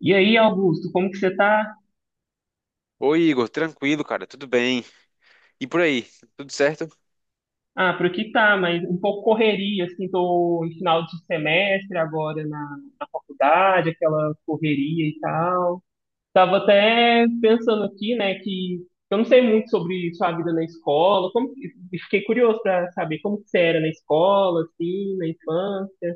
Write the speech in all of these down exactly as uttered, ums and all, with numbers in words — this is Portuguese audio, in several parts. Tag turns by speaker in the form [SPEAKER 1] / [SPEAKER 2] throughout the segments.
[SPEAKER 1] E aí, Augusto, como que você tá?
[SPEAKER 2] Oi, Igor, tranquilo, cara, tudo bem? E por aí, tudo certo?
[SPEAKER 1] Ah, por aqui tá, mas um pouco correria, assim, tô em final de semestre agora na, na faculdade, aquela correria e tal. Tava até pensando aqui, né, que eu não sei muito sobre sua vida na escola, como, e fiquei curioso pra saber como que você era na escola, assim, na infância.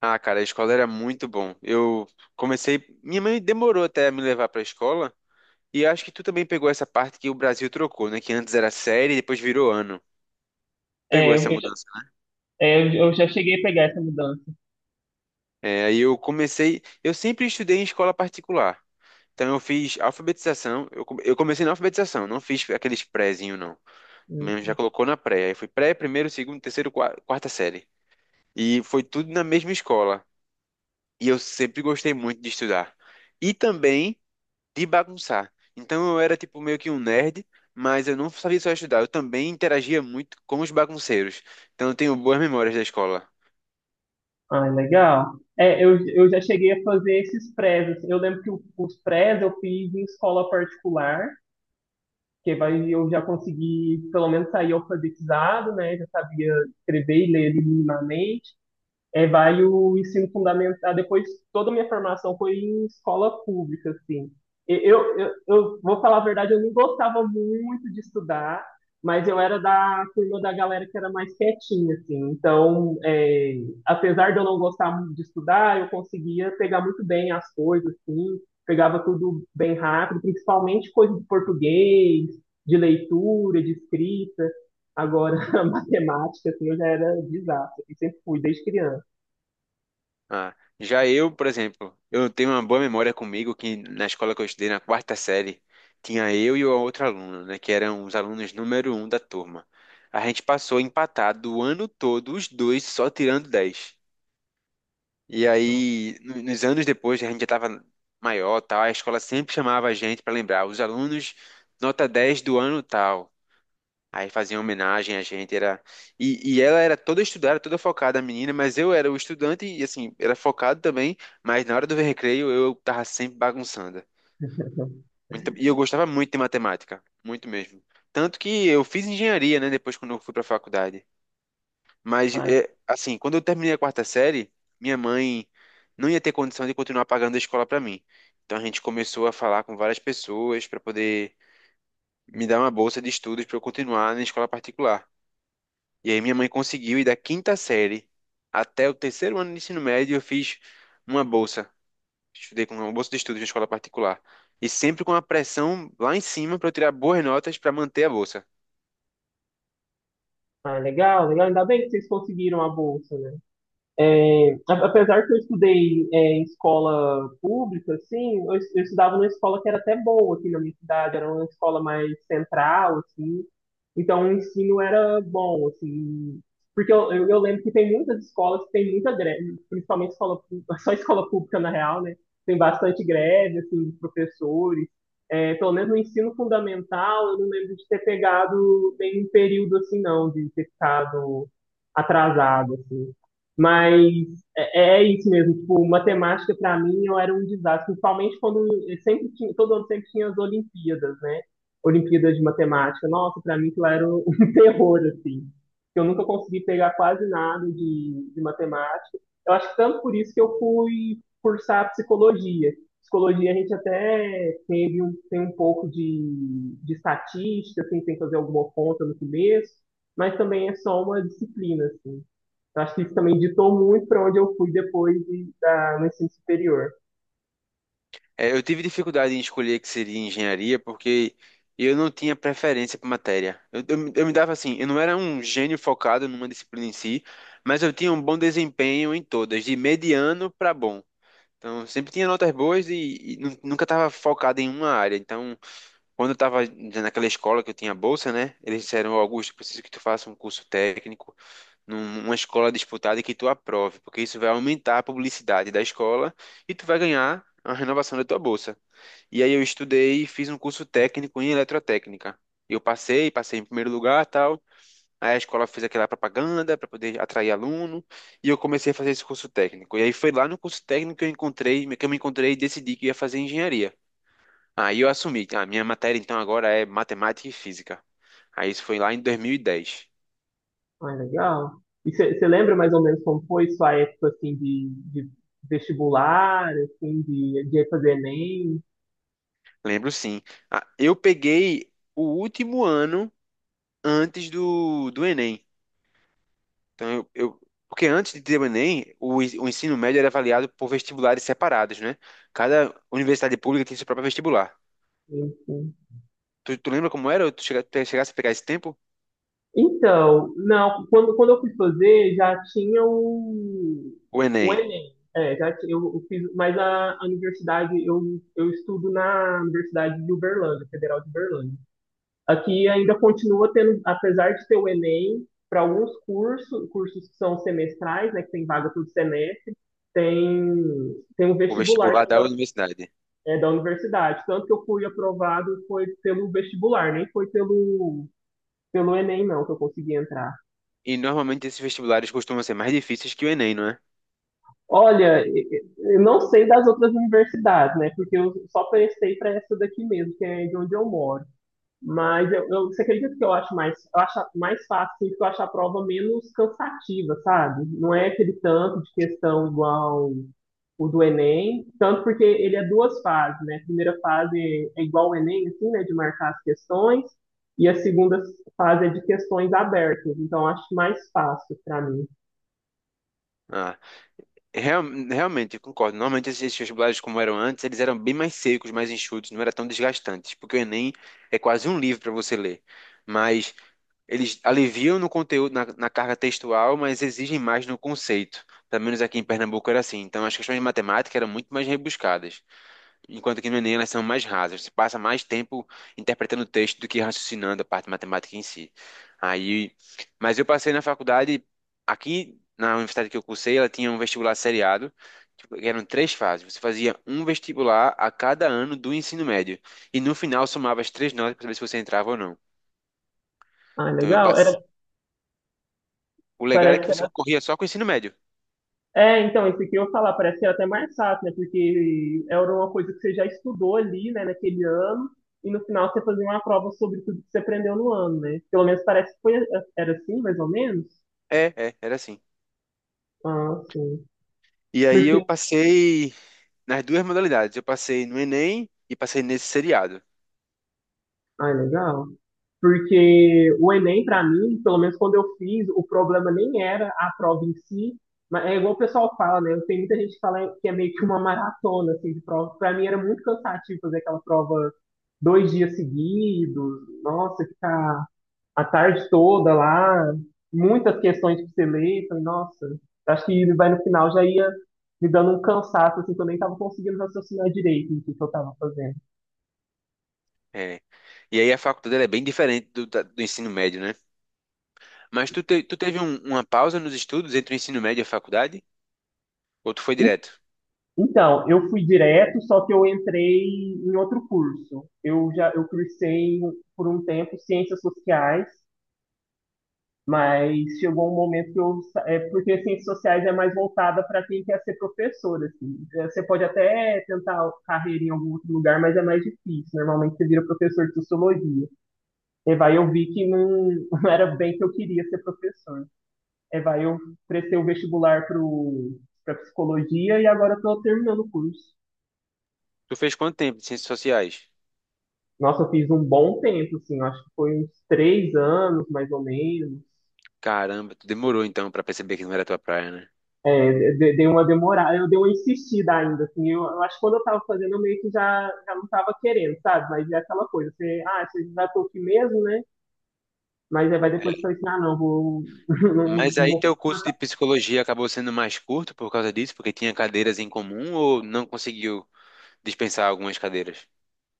[SPEAKER 2] Ah, cara, a escola era muito bom. Eu comecei, minha mãe demorou até a me levar pra escola, e acho que tu também pegou essa parte que o Brasil trocou, né? Que antes era série e depois virou ano. Pegou
[SPEAKER 1] É,
[SPEAKER 2] essa
[SPEAKER 1] eu, já-
[SPEAKER 2] mudança.
[SPEAKER 1] é, eu já cheguei a pegar essa mudança.
[SPEAKER 2] É, aí eu comecei, eu sempre estudei em escola particular. Então eu fiz alfabetização, eu, come- eu comecei na alfabetização, não fiz aqueles prézinho não. Minha mãe já colocou na pré, aí fui pré, primeiro, segundo, terceiro, qua- quarta série. E foi tudo na mesma escola. E eu sempre gostei muito de estudar. E também de bagunçar. Então eu era tipo meio que um nerd, mas eu não sabia só estudar. Eu também interagia muito com os bagunceiros. Então eu tenho boas memórias da escola.
[SPEAKER 1] Ah, legal. É, eu, eu já cheguei a fazer esses prés. Assim, eu lembro que o- os prés eu fiz em escola particular, que vai, eu já consegui pelo menos sair alfabetizado, né? Já sabia escrever e ler minimamente. É, vai o ensino fundamental. Depois, toda a minha formação foi em escola pública, assim. E Eu, eu, eu vou falar a verdade, eu não gostava muito de estudar, mas eu era da turma da galera que era mais quietinha, assim. Então, é, apesar de eu não gostar muito de estudar, eu conseguia pegar muito bem as coisas, assim. Pegava tudo bem rápido, principalmente coisa de português, de leitura, de escrita. Agora, a matemática, assim, eu já era desastre, assim, sempre fui, desde criança.
[SPEAKER 2] Ah, já eu, por exemplo, eu tenho uma boa memória comigo que na escola que eu estudei, na quarta série, tinha eu e a outra aluna, né? Que eram os alunos número um da turma. A gente passou empatado o ano todo, os dois só tirando dez. E aí, no- nos anos depois, a gente já estava maior, tal, a escola sempre chamava a gente para lembrar, os alunos nota dez do ano tal. Aí faziam homenagem a gente, era e, e ela era toda estudada, toda focada, a menina, mas eu era o estudante e assim, era focado também, mas na hora do recreio eu tava sempre bagunçando. Muito- E eu gostava muito de matemática, muito mesmo. Tanto que eu fiz engenharia, né, depois quando eu fui para faculdade. Mas,
[SPEAKER 1] Ah,
[SPEAKER 2] é, assim, quando eu terminei a quarta série, minha mãe não ia ter condição de continuar pagando a escola para mim. Então a gente começou a falar com várias pessoas para poder me dar uma bolsa de estudos para eu continuar na escola particular. E aí minha mãe conseguiu, e da quinta série até o terceiro ano de ensino médio, eu fiz uma bolsa. Estudei com uma bolsa de estudos na escola particular. E sempre com a pressão lá em cima para eu tirar boas notas para manter a bolsa.
[SPEAKER 1] ah, legal, legal. Ainda bem que vocês conseguiram a bolsa, né? É, a- apesar que eu estudei é, em escola pública, assim, eu, es- eu estudava numa escola que era até boa aqui na minha cidade, era uma escola mais central, assim, então o ensino era bom, assim, porque eu, eu, eu lembro que tem muitas escolas que tem muita greve, principalmente escola, pú- só escola pública na real, né, tem bastante greve, assim, de professores. É, pelo menos no ensino fundamental, eu não lembro de ter pegado nenhum período, assim, não, de ter ficado atrasado, assim. Mas é, é é isso mesmo. Tipo, matemática, para mim, eu era um desastre, principalmente quando eu sempre tinha, todo ano sempre tinha as Olimpíadas, né? Olimpíadas de matemática. Nossa, para mim aquilo era um terror, assim. Eu nunca consegui pegar quase nada de, de matemática. Eu acho que tanto por isso que eu fui cursar psicologia. Psicologia a gente até teve um, tem um pouco de, de estatística, assim, tem que fazer alguma conta no começo, mas também é só uma disciplina, assim. Eu acho que isso também ditou muito para onde eu fui depois de, da, no ensino superior.
[SPEAKER 2] É, eu tive dificuldade em escolher que seria engenharia porque eu não tinha preferência por matéria. Eu, eu, me eu me dava assim, eu não era um gênio focado numa disciplina em si, mas eu tinha um bom desempenho em todas, de mediano para bom. Então, sempre tinha notas boas e, e nu- nunca estava focado em uma área. Então, quando eu estava naquela escola que eu tinha bolsa, né? Eles disseram, "Ó, Augusto, eu preciso que tu faça um curso técnico numa escola disputada e que tu aprove, porque isso vai aumentar a publicidade da escola e tu vai ganhar a renovação da tua bolsa. E aí eu estudei e fiz um curso técnico em eletrotécnica. Eu passei, passei em primeiro lugar, tal. Aí a escola fez aquela propaganda para poder atrair aluno, e eu comecei a fazer esse curso técnico. E aí foi lá no curso técnico que eu encontrei, que eu me encontrei e decidi que ia fazer engenharia. Aí eu assumi, a minha matéria então agora é matemática e física. Aí isso foi lá em dois mil e dez.
[SPEAKER 1] Ah, legal. E você lembra mais ou menos como foi sua época assim de, de vestibular, assim, de, de fazer Enem,
[SPEAKER 2] Lembro sim. Ah, eu peguei o último ano antes do, do Enem. Então, eu, eu- porque antes de ter o Enem, o, en- o ensino médio era avaliado por vestibulares separados, né? Cada universidade pública tinha seu próprio vestibular.
[SPEAKER 1] enfim?
[SPEAKER 2] Tu, tu lembra como era? Ou Tu chega- tu chegasse a pegar esse tempo?
[SPEAKER 1] Então, não, quando, quando eu fui fazer, já tinha o,
[SPEAKER 2] O
[SPEAKER 1] o
[SPEAKER 2] Enem,
[SPEAKER 1] Enem. É, já tinha, eu, eu fiz, mas a, a universidade, eu, eu estudo na Universidade de Uberlândia, Federal de Uberlândia. Aqui ainda continua tendo, apesar de ter o Enem, para alguns cursos, cursos que são semestrais, né, que tem vaga todo semestre, tem, tem um
[SPEAKER 2] o
[SPEAKER 1] vestibular
[SPEAKER 2] vestibular
[SPEAKER 1] que
[SPEAKER 2] da
[SPEAKER 1] ainda
[SPEAKER 2] universidade.
[SPEAKER 1] é da universidade. Tanto que eu fui aprovado foi pelo vestibular, nem foi pelo, pelo Enem, não, que eu consegui entrar.
[SPEAKER 2] E normalmente esses vestibulares costumam ser mais difíceis que o Enem, não é?
[SPEAKER 1] Olha, e- e- eu não sei das outras universidades, né? Porque eu só prestei para essa daqui mesmo, que é de onde eu moro. Mas eu, eu, você acredita que eu acho mais, eu acho mais fácil, assim, porque eu acho a prova menos cansativa, sabe? Não é aquele tanto de questão igual o do Enem, tanto porque ele é duas fases, né? A primeira fase é igual o Enem, assim, né, de marcar as questões, e a segunda fase é de questões abertas, então eu acho mais fácil para mim.
[SPEAKER 2] Ah, real- realmente, eu concordo. Normalmente esses vestibulares, como eram antes, eles eram bem mais secos, mais enxutos, não era tão desgastantes, porque o Enem é quase um livro para você ler. Mas eles aliviam no conteúdo, na, na carga textual, mas exigem mais no conceito. Pelo menos aqui em Pernambuco era assim. Então, as questões de matemática eram muito mais rebuscadas, enquanto que no Enem elas são mais rasas. Você passa mais tempo interpretando o texto do que raciocinando a parte matemática em si. Aí, mas eu passei na faculdade, aqui na universidade que eu cursei, ela tinha um vestibular seriado, tipo, que eram três fases. Você fazia um vestibular a cada ano do ensino médio, e no final somava as três notas para saber se você entrava ou não.
[SPEAKER 1] Ah,
[SPEAKER 2] Então, eu
[SPEAKER 1] legal. Era,
[SPEAKER 2] o legal é
[SPEAKER 1] parece.
[SPEAKER 2] que você concorria só com o ensino médio.
[SPEAKER 1] É, então, isso aqui eu falar, parece que era até mais fácil, né? Porque era uma coisa que você já estudou ali, né, naquele ano, e no final você fazia uma prova sobre tudo que você aprendeu no ano, né? Pelo menos parece que foi, era assim, mais ou menos.
[SPEAKER 2] É, é, era assim.
[SPEAKER 1] Ah, sim.
[SPEAKER 2] E aí eu passei nas duas modalidades. Eu passei no Enem e passei nesse seriado.
[SPEAKER 1] Ah, é legal. Porque o Enem, para mim, pelo menos quando eu fiz, o problema nem era a prova em si, mas é igual o pessoal fala, né? Tem muita gente que fala que é meio que uma maratona, assim, de prova. Para mim era muito cansativo fazer aquela prova dois dias seguidos, nossa, ficar a tarde toda lá, muitas questões pra você ler, falei, nossa, acho que vai no final já ia me dando um cansaço, assim, que eu nem tava conseguindo raciocinar direito no que que eu tava fazendo.
[SPEAKER 2] É. E aí a faculdade ela é bem diferente do, da- do ensino médio, né? Mas tu, te- tu teve um- uma pausa nos estudos entre o ensino médio e a faculdade? Ou tu foi direto?
[SPEAKER 1] Então, eu fui direto, só que eu entrei em outro curso. Eu já eu cursei por um tempo ciências sociais, mas chegou um momento que eu sa- é porque ciências sociais é mais voltada para quem quer ser professor, assim. É, você pode até tentar carreira em algum outro lugar, mas é mais difícil. Normalmente você vira professor de sociologia. E vai, eu vi que não, não era bem que eu queria ser professor. E vai, eu prestei o vestibular para para psicologia e agora estou terminando o curso.
[SPEAKER 2] Tu fez quanto tempo de ciências sociais?
[SPEAKER 1] Nossa, eu fiz um bom tempo, assim, eu acho que foi uns três anos, mais ou menos.
[SPEAKER 2] Caramba, tu demorou então pra perceber que não era tua praia, né?
[SPEAKER 1] É, de- dei uma demorada, eu dei uma insistida ainda, assim, eu, eu acho que quando eu tava fazendo, eu meio que já, já não tava querendo, sabe? Mas é aquela coisa, você, ah, você já tô aqui mesmo, né? Mas aí vai
[SPEAKER 2] É.
[SPEAKER 1] depois falar assim, ah, não, vou, não,
[SPEAKER 2] Mas
[SPEAKER 1] não
[SPEAKER 2] aí
[SPEAKER 1] vou
[SPEAKER 2] teu curso
[SPEAKER 1] passar.
[SPEAKER 2] de psicologia acabou sendo mais curto por causa disso, porque tinha cadeiras em comum ou não conseguiu dispensar algumas cadeiras?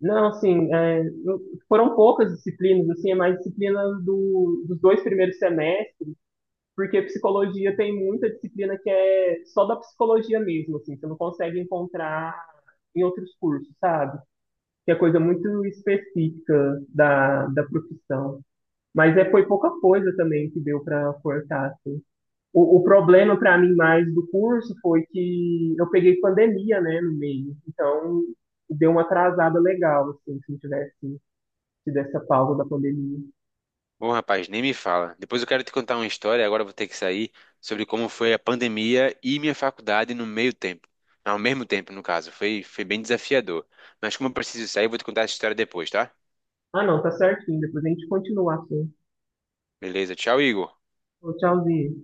[SPEAKER 1] Não, assim, é, não- foram poucas disciplinas, assim, é mais disciplina do, dos dois primeiros semestres, porque psicologia tem muita disciplina que é só da psicologia mesmo, assim, você não consegue encontrar em outros cursos, sabe? Que é coisa muito específica da, da profissão. Mas é, foi pouca coisa também que deu para cortar, assim. O, o problema para mim mais do curso foi que eu peguei pandemia, né, no meio. Então, deu uma atrasada legal, assim, se não tivesse tido essa pausa da pandemia.
[SPEAKER 2] Bom, rapaz, nem me fala. Depois eu quero te contar uma história, agora eu vou ter que sair, sobre como foi a pandemia e minha faculdade no meio tempo. Ao mesmo tempo, no caso. Foi, foi bem desafiador. Mas como eu preciso sair, eu vou te contar essa história depois, tá?
[SPEAKER 1] Ah, não, tá certinho. Depois a gente continua assim.
[SPEAKER 2] Beleza, tchau, Igor.
[SPEAKER 1] Tchauzinho.